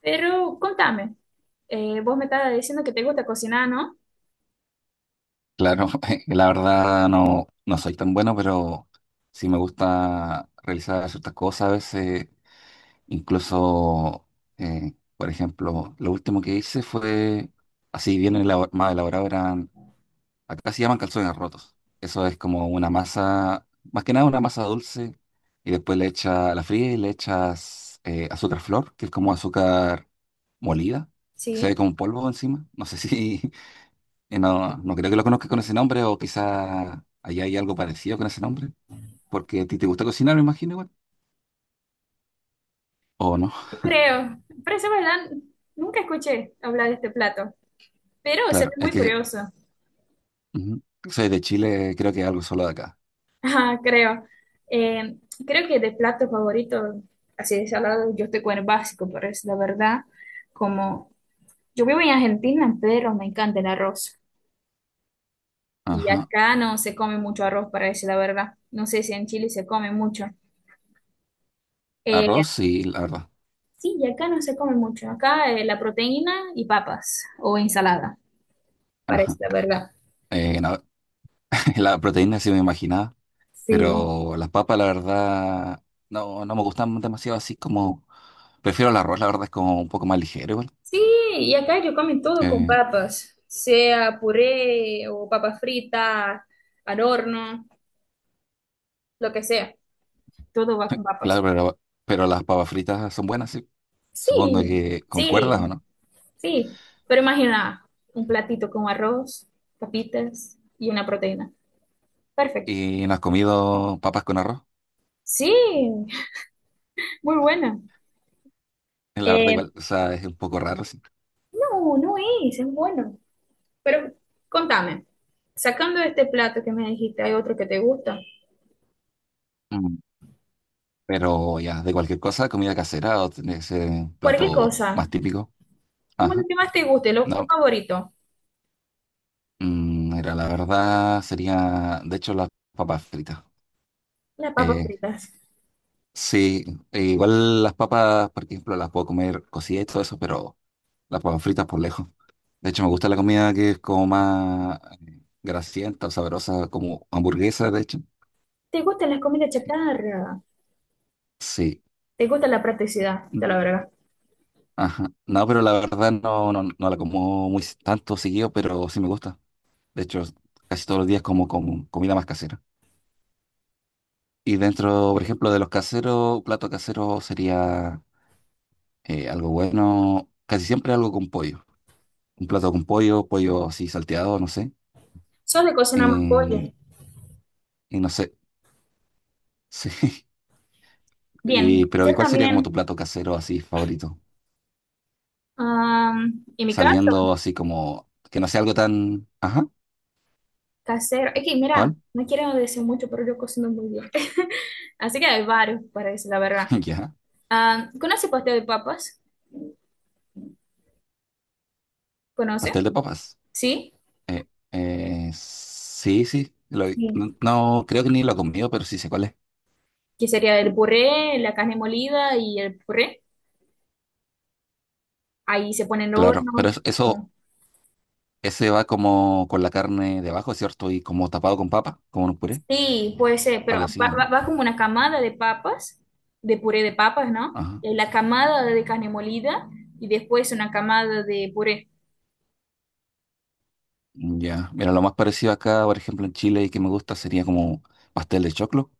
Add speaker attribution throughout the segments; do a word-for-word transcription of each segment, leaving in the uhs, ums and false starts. Speaker 1: Pero contame, eh, vos me estabas diciendo que te gusta cocinar, ¿no?
Speaker 2: Claro, la verdad no, no soy tan bueno, pero sí me gusta realizar ciertas cosas a veces. Incluso, eh, por ejemplo, lo último que hice fue, así bien elabo- más elaborado, eran, acá se llaman calzones rotos. Eso es como una masa, más que nada una masa dulce, y después le echa la fría y le echas eh, azúcar flor, que es como azúcar molida, que se ve
Speaker 1: Sí,
Speaker 2: como polvo encima. No sé si eh, no, no creo que lo conozcas con ese nombre, o quizá allá hay algo parecido con ese nombre, porque a ti te gusta cocinar, me imagino, igual. O no,
Speaker 1: creo. Parece verdad, nunca escuché hablar de este plato, pero se ve
Speaker 2: claro, es
Speaker 1: muy
Speaker 2: que
Speaker 1: curioso.
Speaker 2: ujú, soy de Chile, creo que es algo solo de acá.
Speaker 1: Ah, creo. Eh, Creo que de plato favorito, así de salado, yo estoy con el básico, pero es la verdad, como yo vivo en Argentina, pero me encanta el arroz. Y
Speaker 2: Ajá.
Speaker 1: acá no se come mucho arroz, para decir la verdad. No sé si en Chile se come mucho. Eh,
Speaker 2: Arroz, y la verdad.
Speaker 1: Sí, y acá no se come mucho. Acá eh, la proteína y papas o ensalada, parece
Speaker 2: Ajá.
Speaker 1: la verdad.
Speaker 2: Eh, no, la proteína sí me imaginaba,
Speaker 1: Sí.
Speaker 2: pero las papas, la verdad, no, no me gustan demasiado así como. Prefiero el arroz, la verdad, es como un poco más ligero, igual.
Speaker 1: Sí, y acá yo como todo con
Speaker 2: Eh,
Speaker 1: papas, sea puré o papa frita, al horno, lo que sea. Todo va con papas.
Speaker 2: claro, pero, pero las papas fritas son buenas, sí.
Speaker 1: Sí,
Speaker 2: Supongo que concuerdas, ¿o
Speaker 1: sí,
Speaker 2: no?
Speaker 1: sí. Pero imagina un platito con arroz, papitas y una proteína. Perfecto.
Speaker 2: Y no has comido papas con arroz.
Speaker 1: Sí, muy buena.
Speaker 2: Eh, La verdad,
Speaker 1: Eh,
Speaker 2: igual, o sea, es un poco raro, sí.
Speaker 1: no, no es, es bueno. Pero contame, sacando este plato que me dijiste, ¿hay otro que te gusta?
Speaker 2: Mm. Pero ya, de cualquier cosa, comida casera o tiene que
Speaker 1: Cualquier
Speaker 2: plato
Speaker 1: cosa,
Speaker 2: más típico.
Speaker 1: como lo
Speaker 2: Ajá.
Speaker 1: que más te guste, lo, tu
Speaker 2: No,
Speaker 1: favorito,
Speaker 2: mm, mira, la verdad sería, de hecho, las papas fritas.
Speaker 1: las papas
Speaker 2: Eh,
Speaker 1: fritas.
Speaker 2: sí, e igual las papas, por ejemplo, las puedo comer cocidas y todo eso, pero las papas fritas por lejos. De hecho, me gusta la comida que es como más eh, grasienta o sabrosa, como hamburguesa, de hecho.
Speaker 1: ¿Te gustan las comidas chatarra?
Speaker 2: Sí.
Speaker 1: ¿Te gusta la practicidad? Te la verdad.
Speaker 2: Ajá. No, pero la verdad no, no, no la como muy s- tanto seguido, pero sí me gusta. De hecho, casi todos los días como, como comida más casera. Y dentro, por ejemplo, de los caseros, plato casero sería eh, algo bueno, casi siempre algo con pollo. Un plato con pollo, pollo así salteado, no sé.
Speaker 1: Sos de cocinar más pollo.
Speaker 2: Eh, y no sé, sí. Y,
Speaker 1: Bien,
Speaker 2: pero
Speaker 1: yo
Speaker 2: ¿y cuál sería como tu
Speaker 1: también.
Speaker 2: plato casero así favorito?
Speaker 1: Am, en mi caso,
Speaker 2: Saliendo así como, que no sea algo tan... Ajá,
Speaker 1: casero. Es que, mira,
Speaker 2: ¿cuál?
Speaker 1: no quiero decir mucho, pero yo cocino muy bien. Así que hay varios para decir la verdad.
Speaker 2: Ya,
Speaker 1: Ah, ¿conoce pastel de papas? ¿Conoce?
Speaker 2: pastel de papas.
Speaker 1: ¿Sí?
Speaker 2: Eh, eh, sí, sí, lo-
Speaker 1: Sí.
Speaker 2: no, no, creo que ni lo he comido, pero sí sé cuál es.
Speaker 1: Que sería el puré, la carne molida y el puré. Ahí se pone en el
Speaker 2: Claro,
Speaker 1: horno.
Speaker 2: pero es- eso,
Speaker 1: Con-
Speaker 2: ese va como con la carne debajo, ¿cierto? Y como tapado con papa, como un puré,
Speaker 1: sí, puede ser, pero
Speaker 2: algo así,
Speaker 1: va,
Speaker 2: ¿o
Speaker 1: va-
Speaker 2: no?
Speaker 1: va como una camada de papas, de puré de papas, ¿no?
Speaker 2: Ajá,
Speaker 1: Eh, La camada de carne molida y después una camada de puré.
Speaker 2: ya. Mira, lo más parecido acá, por ejemplo, en Chile y que me gusta sería como pastel de choclo,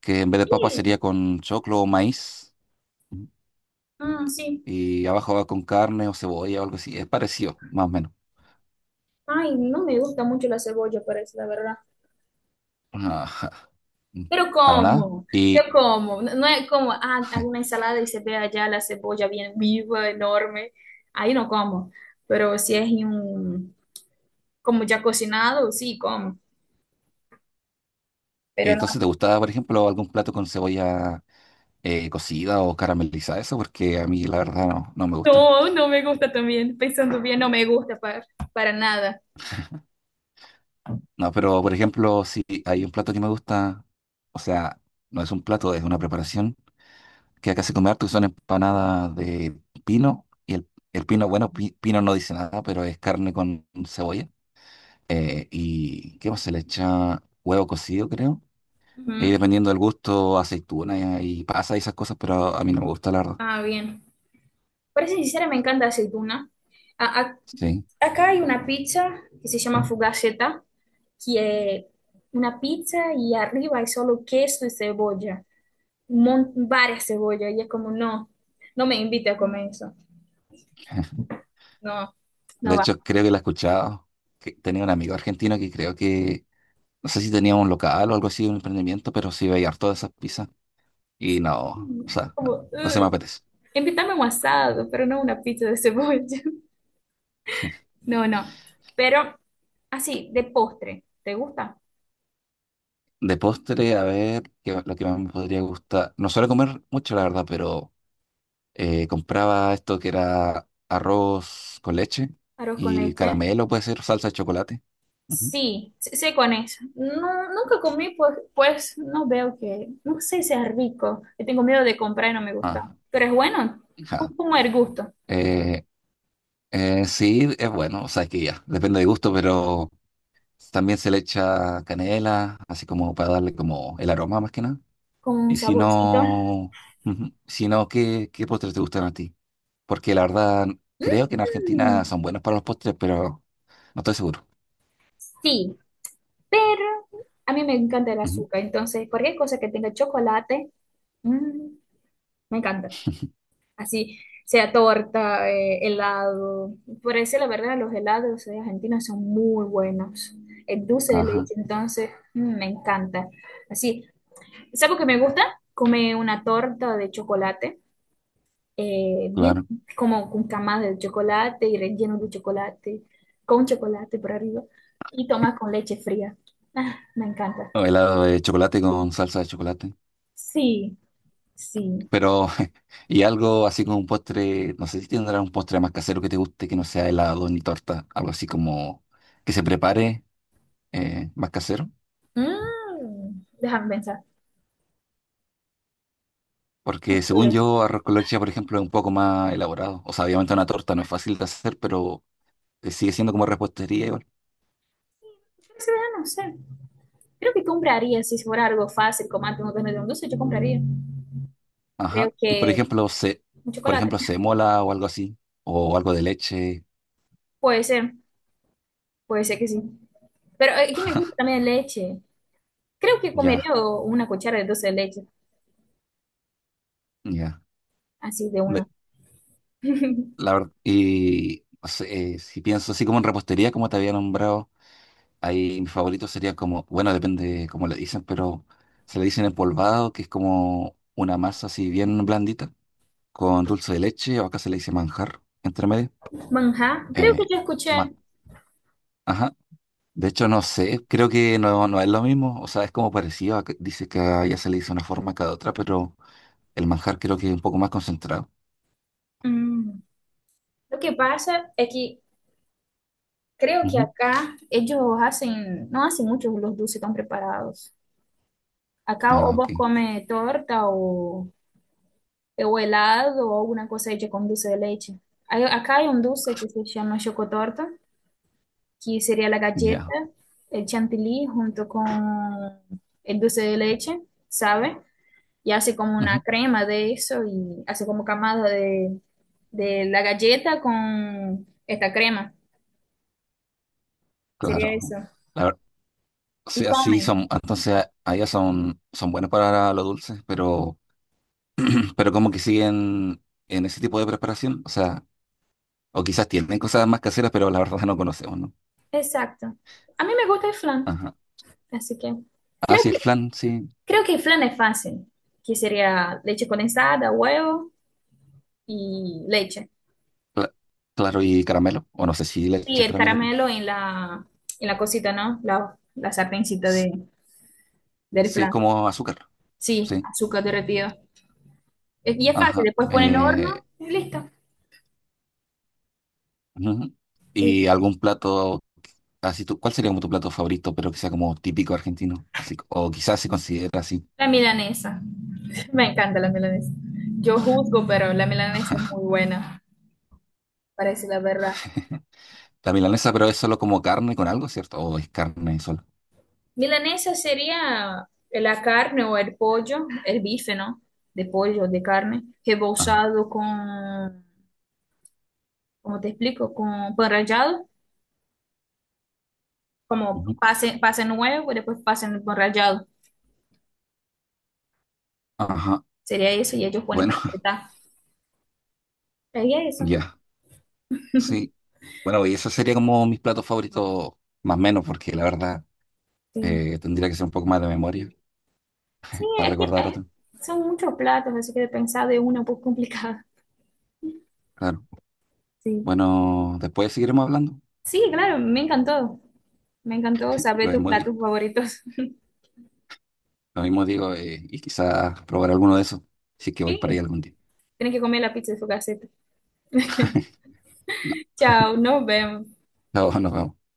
Speaker 2: que en vez de papa
Speaker 1: Sí,
Speaker 2: sería con choclo o maíz, ujú.
Speaker 1: mm, sí.
Speaker 2: Y abajo va con carne o cebolla o algo así, es parecido, más o menos.
Speaker 1: Ay, no me gusta mucho la cebolla, parece, la verdad.
Speaker 2: Ajá.
Speaker 1: Pero
Speaker 2: Para nada.
Speaker 1: como, yo
Speaker 2: Y
Speaker 1: como, no no es como, ah, hago una ensalada y se ve allá la cebolla bien viva, enorme. Ahí no como, pero si es en un como ya cocinado, sí, como, pero no,
Speaker 2: entonces, ¿te gustaba, por ejemplo, algún plato con cebolla eh, cocida o caramelizada? Eso, porque a mí la verdad no, no me gusta.
Speaker 1: no, no me gusta también, pensando bien, no me gusta para, para nada.
Speaker 2: No, pero por ejemplo, si hay un plato que me gusta, o sea, no es un plato, es una preparación que acá se come harto, que son empanadas de pino. Y el, el pino, bueno, pi- pino no dice nada, pero es carne con cebolla. Eh, ¿y qué más se le echa? Huevo cocido, creo. Y
Speaker 1: Ujú.
Speaker 2: dependiendo del gusto, aceituna y, y pasa y esas cosas, pero a mí no me gusta, la verdad.
Speaker 1: Ah, bien. Para ser sincera, me encanta aceituna. A- a-
Speaker 2: Sí.
Speaker 1: acá hay una pizza que se llama fugaceta, que es una pizza y arriba hay solo queso y cebolla, mon- varias cebollas, y es como, no, no me invite a comer eso, no, no
Speaker 2: De
Speaker 1: va.
Speaker 2: hecho, creo que la he escuchado. Que tenía un amigo argentino que creo que, no sé si tenía un local o algo así, un emprendimiento, pero sí veía todas esas pizzas. Y no, o sea, no,
Speaker 1: Como,
Speaker 2: no se me
Speaker 1: uy,
Speaker 2: apetece.
Speaker 1: invítame a un asado, pero no una pizza de cebolla. No, no. Pero así, de postre, ¿te gusta?
Speaker 2: De postre, a ver, que lo que más me podría gustar. No suelo comer mucho, la verdad, pero eh, compraba esto que era arroz con leche
Speaker 1: Arroz con
Speaker 2: y
Speaker 1: leche.
Speaker 2: caramelo, puede ser salsa de chocolate. Ujú.
Speaker 1: Sí, sí, sí, con eso. No, nunca comí, pues, pues no veo que, no sé si sea rico. Yo tengo miedo de comprar y no me gusta.
Speaker 2: Ah,
Speaker 1: Pero es bueno, es
Speaker 2: ja.
Speaker 1: como el gusto,
Speaker 2: Eh, eh, sí, es bueno, o sea, es que ya, depende de gusto, pero también se le echa canela, así como para darle como el aroma más que nada.
Speaker 1: con un
Speaker 2: Y si
Speaker 1: saborcito.
Speaker 2: no, ujú, si no, ¿qué, qué postres te gustan a ti? Porque la verdad, creo que en Argentina
Speaker 1: Mm,
Speaker 2: son buenos para los postres, pero no estoy seguro.
Speaker 1: sí, pero a mí me encanta el
Speaker 2: Ujú,
Speaker 1: azúcar. Entonces, cualquier cosa que tenga chocolate, mm, me encanta. Así sea torta, eh, helado. Por eso la verdad los helados de Argentina son muy buenos. El dulce de
Speaker 2: ajá,
Speaker 1: leche entonces mm, me encanta. Así, ¿sabes lo que me gusta? Comer una torta de chocolate, eh, bien
Speaker 2: claro.
Speaker 1: como con camas de chocolate y relleno de chocolate, con chocolate por arriba, y tomar con leche fría. Ah, me encanta.
Speaker 2: O helado de chocolate con salsa de chocolate.
Speaker 1: Sí, sí.
Speaker 2: Pero, y algo así como un postre, no sé si tendrá un postre más casero que te guste, que no sea helado ni torta, algo así como que se prepare eh, más casero.
Speaker 1: Mm, déjame pensar.
Speaker 2: Porque según
Speaker 1: Sí.
Speaker 2: yo, arroz con leche, por ejemplo, es un poco más elaborado. O sea, obviamente una torta no es fácil de hacer, pero eh, sigue siendo como repostería igual.
Speaker 1: Pero esa verdad no sé. Creo que compraría, si fuera algo fácil, como antes no tener un dulce, yo compraría. Creo
Speaker 2: Ajá. Y por
Speaker 1: que
Speaker 2: ejemplo, se,
Speaker 1: un
Speaker 2: por
Speaker 1: chocolate.
Speaker 2: ejemplo, se mola o algo así. O algo de leche.
Speaker 1: Puede ser, puede ser que sí. Pero eh, aquí me gusta también leche. Creo que
Speaker 2: Ya,
Speaker 1: comería o- una cuchara de dulce de leche,
Speaker 2: ya.
Speaker 1: así de
Speaker 2: De-
Speaker 1: una.
Speaker 2: la verdad, y no sé, eh, si pienso así como en repostería, como te había nombrado, ahí mi favorito sería como, bueno, depende cómo le dicen, pero se le dicen empolvado, que es como una masa así bien blandita, con dulce de leche, o acá se le dice manjar, entre medio.
Speaker 1: Manjar, creo que
Speaker 2: Eh,
Speaker 1: yo
Speaker 2: ma-
Speaker 1: escuché.
Speaker 2: ajá. De hecho, no sé, creo que no, no es lo mismo, o sea, es como parecido, a que- dice que a ella se le dice una forma cada otra, pero el manjar creo que es un poco más concentrado.
Speaker 1: Mm, lo que pasa es que creo que
Speaker 2: Ujú.
Speaker 1: acá ellos hacen, no hacen muchos los dulces tan preparados. Acá o
Speaker 2: Ah,
Speaker 1: vos
Speaker 2: ok,
Speaker 1: comes torta o o helado o alguna cosa hecha con dulce de leche. Hay- acá hay un dulce que se llama chocotorta, que sería la galleta,
Speaker 2: ya,
Speaker 1: el chantilly junto con el dulce de leche, ¿sabe? Y hace como una
Speaker 2: ujú,
Speaker 1: crema de eso y hace como camada de, de la galleta con esta crema. Sería
Speaker 2: claro.
Speaker 1: eso.
Speaker 2: La ver- o
Speaker 1: Y
Speaker 2: sea, sí,
Speaker 1: comen.
Speaker 2: son, entonces a- a son, son buenas para lo dulce, pero, pero como que siguen en ese tipo de preparación, o sea, o quizás tienen cosas más caseras, pero la verdad no conocemos, ¿no?
Speaker 1: Exacto. A mí me gusta el flan,
Speaker 2: Ajá.
Speaker 1: así que
Speaker 2: Ah,
Speaker 1: creo
Speaker 2: sí, el
Speaker 1: que,
Speaker 2: flan, sí,
Speaker 1: creo que el flan es fácil, que sería leche condensada, huevo y leche.
Speaker 2: cla- claro, y caramelo, o no sé si le
Speaker 1: Sí,
Speaker 2: echas
Speaker 1: el
Speaker 2: caramelo.
Speaker 1: caramelo en la, en la cosita, ¿no? La, la sartencita
Speaker 2: S-
Speaker 1: de, del
Speaker 2: sí, es
Speaker 1: flan.
Speaker 2: como azúcar.
Speaker 1: Sí,
Speaker 2: Sí,
Speaker 1: azúcar derretido. Es- y es fácil,
Speaker 2: ajá.
Speaker 1: después ponen
Speaker 2: Eh,
Speaker 1: horno y listo.
Speaker 2: ujú.
Speaker 1: Sí,
Speaker 2: Y algún plato, así tú, ¿cuál sería como tu plato favorito, pero que sea como típico argentino? Así, o quizás se considera así.
Speaker 1: la milanesa. Me encanta la milanesa. Yo juzgo, pero la milanesa es muy buena, parece la verdad.
Speaker 2: La milanesa, pero es solo como carne con algo, ¿cierto? O es carne solo.
Speaker 1: Milanesa sería la carne o el pollo, el bife, ¿no? De pollo, de carne,
Speaker 2: Ajá.
Speaker 1: rebozado con, ¿cómo te explico? Con pan rallado, como
Speaker 2: Ujú.
Speaker 1: pase, pase nuevo y después pase en pan rallado.
Speaker 2: Ajá.
Speaker 1: Sería eso y ellos ponen
Speaker 2: Bueno,
Speaker 1: para apretar. Sería eso.
Speaker 2: ya. Sí. Bueno, y eso sería como mis platos favoritos, más o menos, porque la verdad
Speaker 1: Sí.
Speaker 2: eh, tendría que ser un poco más de memoria
Speaker 1: Sí,
Speaker 2: para
Speaker 1: es que
Speaker 2: recordar
Speaker 1: eh,
Speaker 2: otro.
Speaker 1: son muchos platos, así que de pensar de uno es un poco complicado.
Speaker 2: Claro.
Speaker 1: Sí.
Speaker 2: Bueno, después seguiremos hablando.
Speaker 1: Sí, claro, me encantó. Me encantó saber
Speaker 2: Lo
Speaker 1: tus
Speaker 2: hemos
Speaker 1: platos favoritos.
Speaker 2: lo mismo digo, eh, y quizás probar alguno de esos, si es que voy para ahí
Speaker 1: Sí,
Speaker 2: algún día.
Speaker 1: tienes que comer la pizza de su caseta. Chao, nos vemos.
Speaker 2: No, no, nos vemos.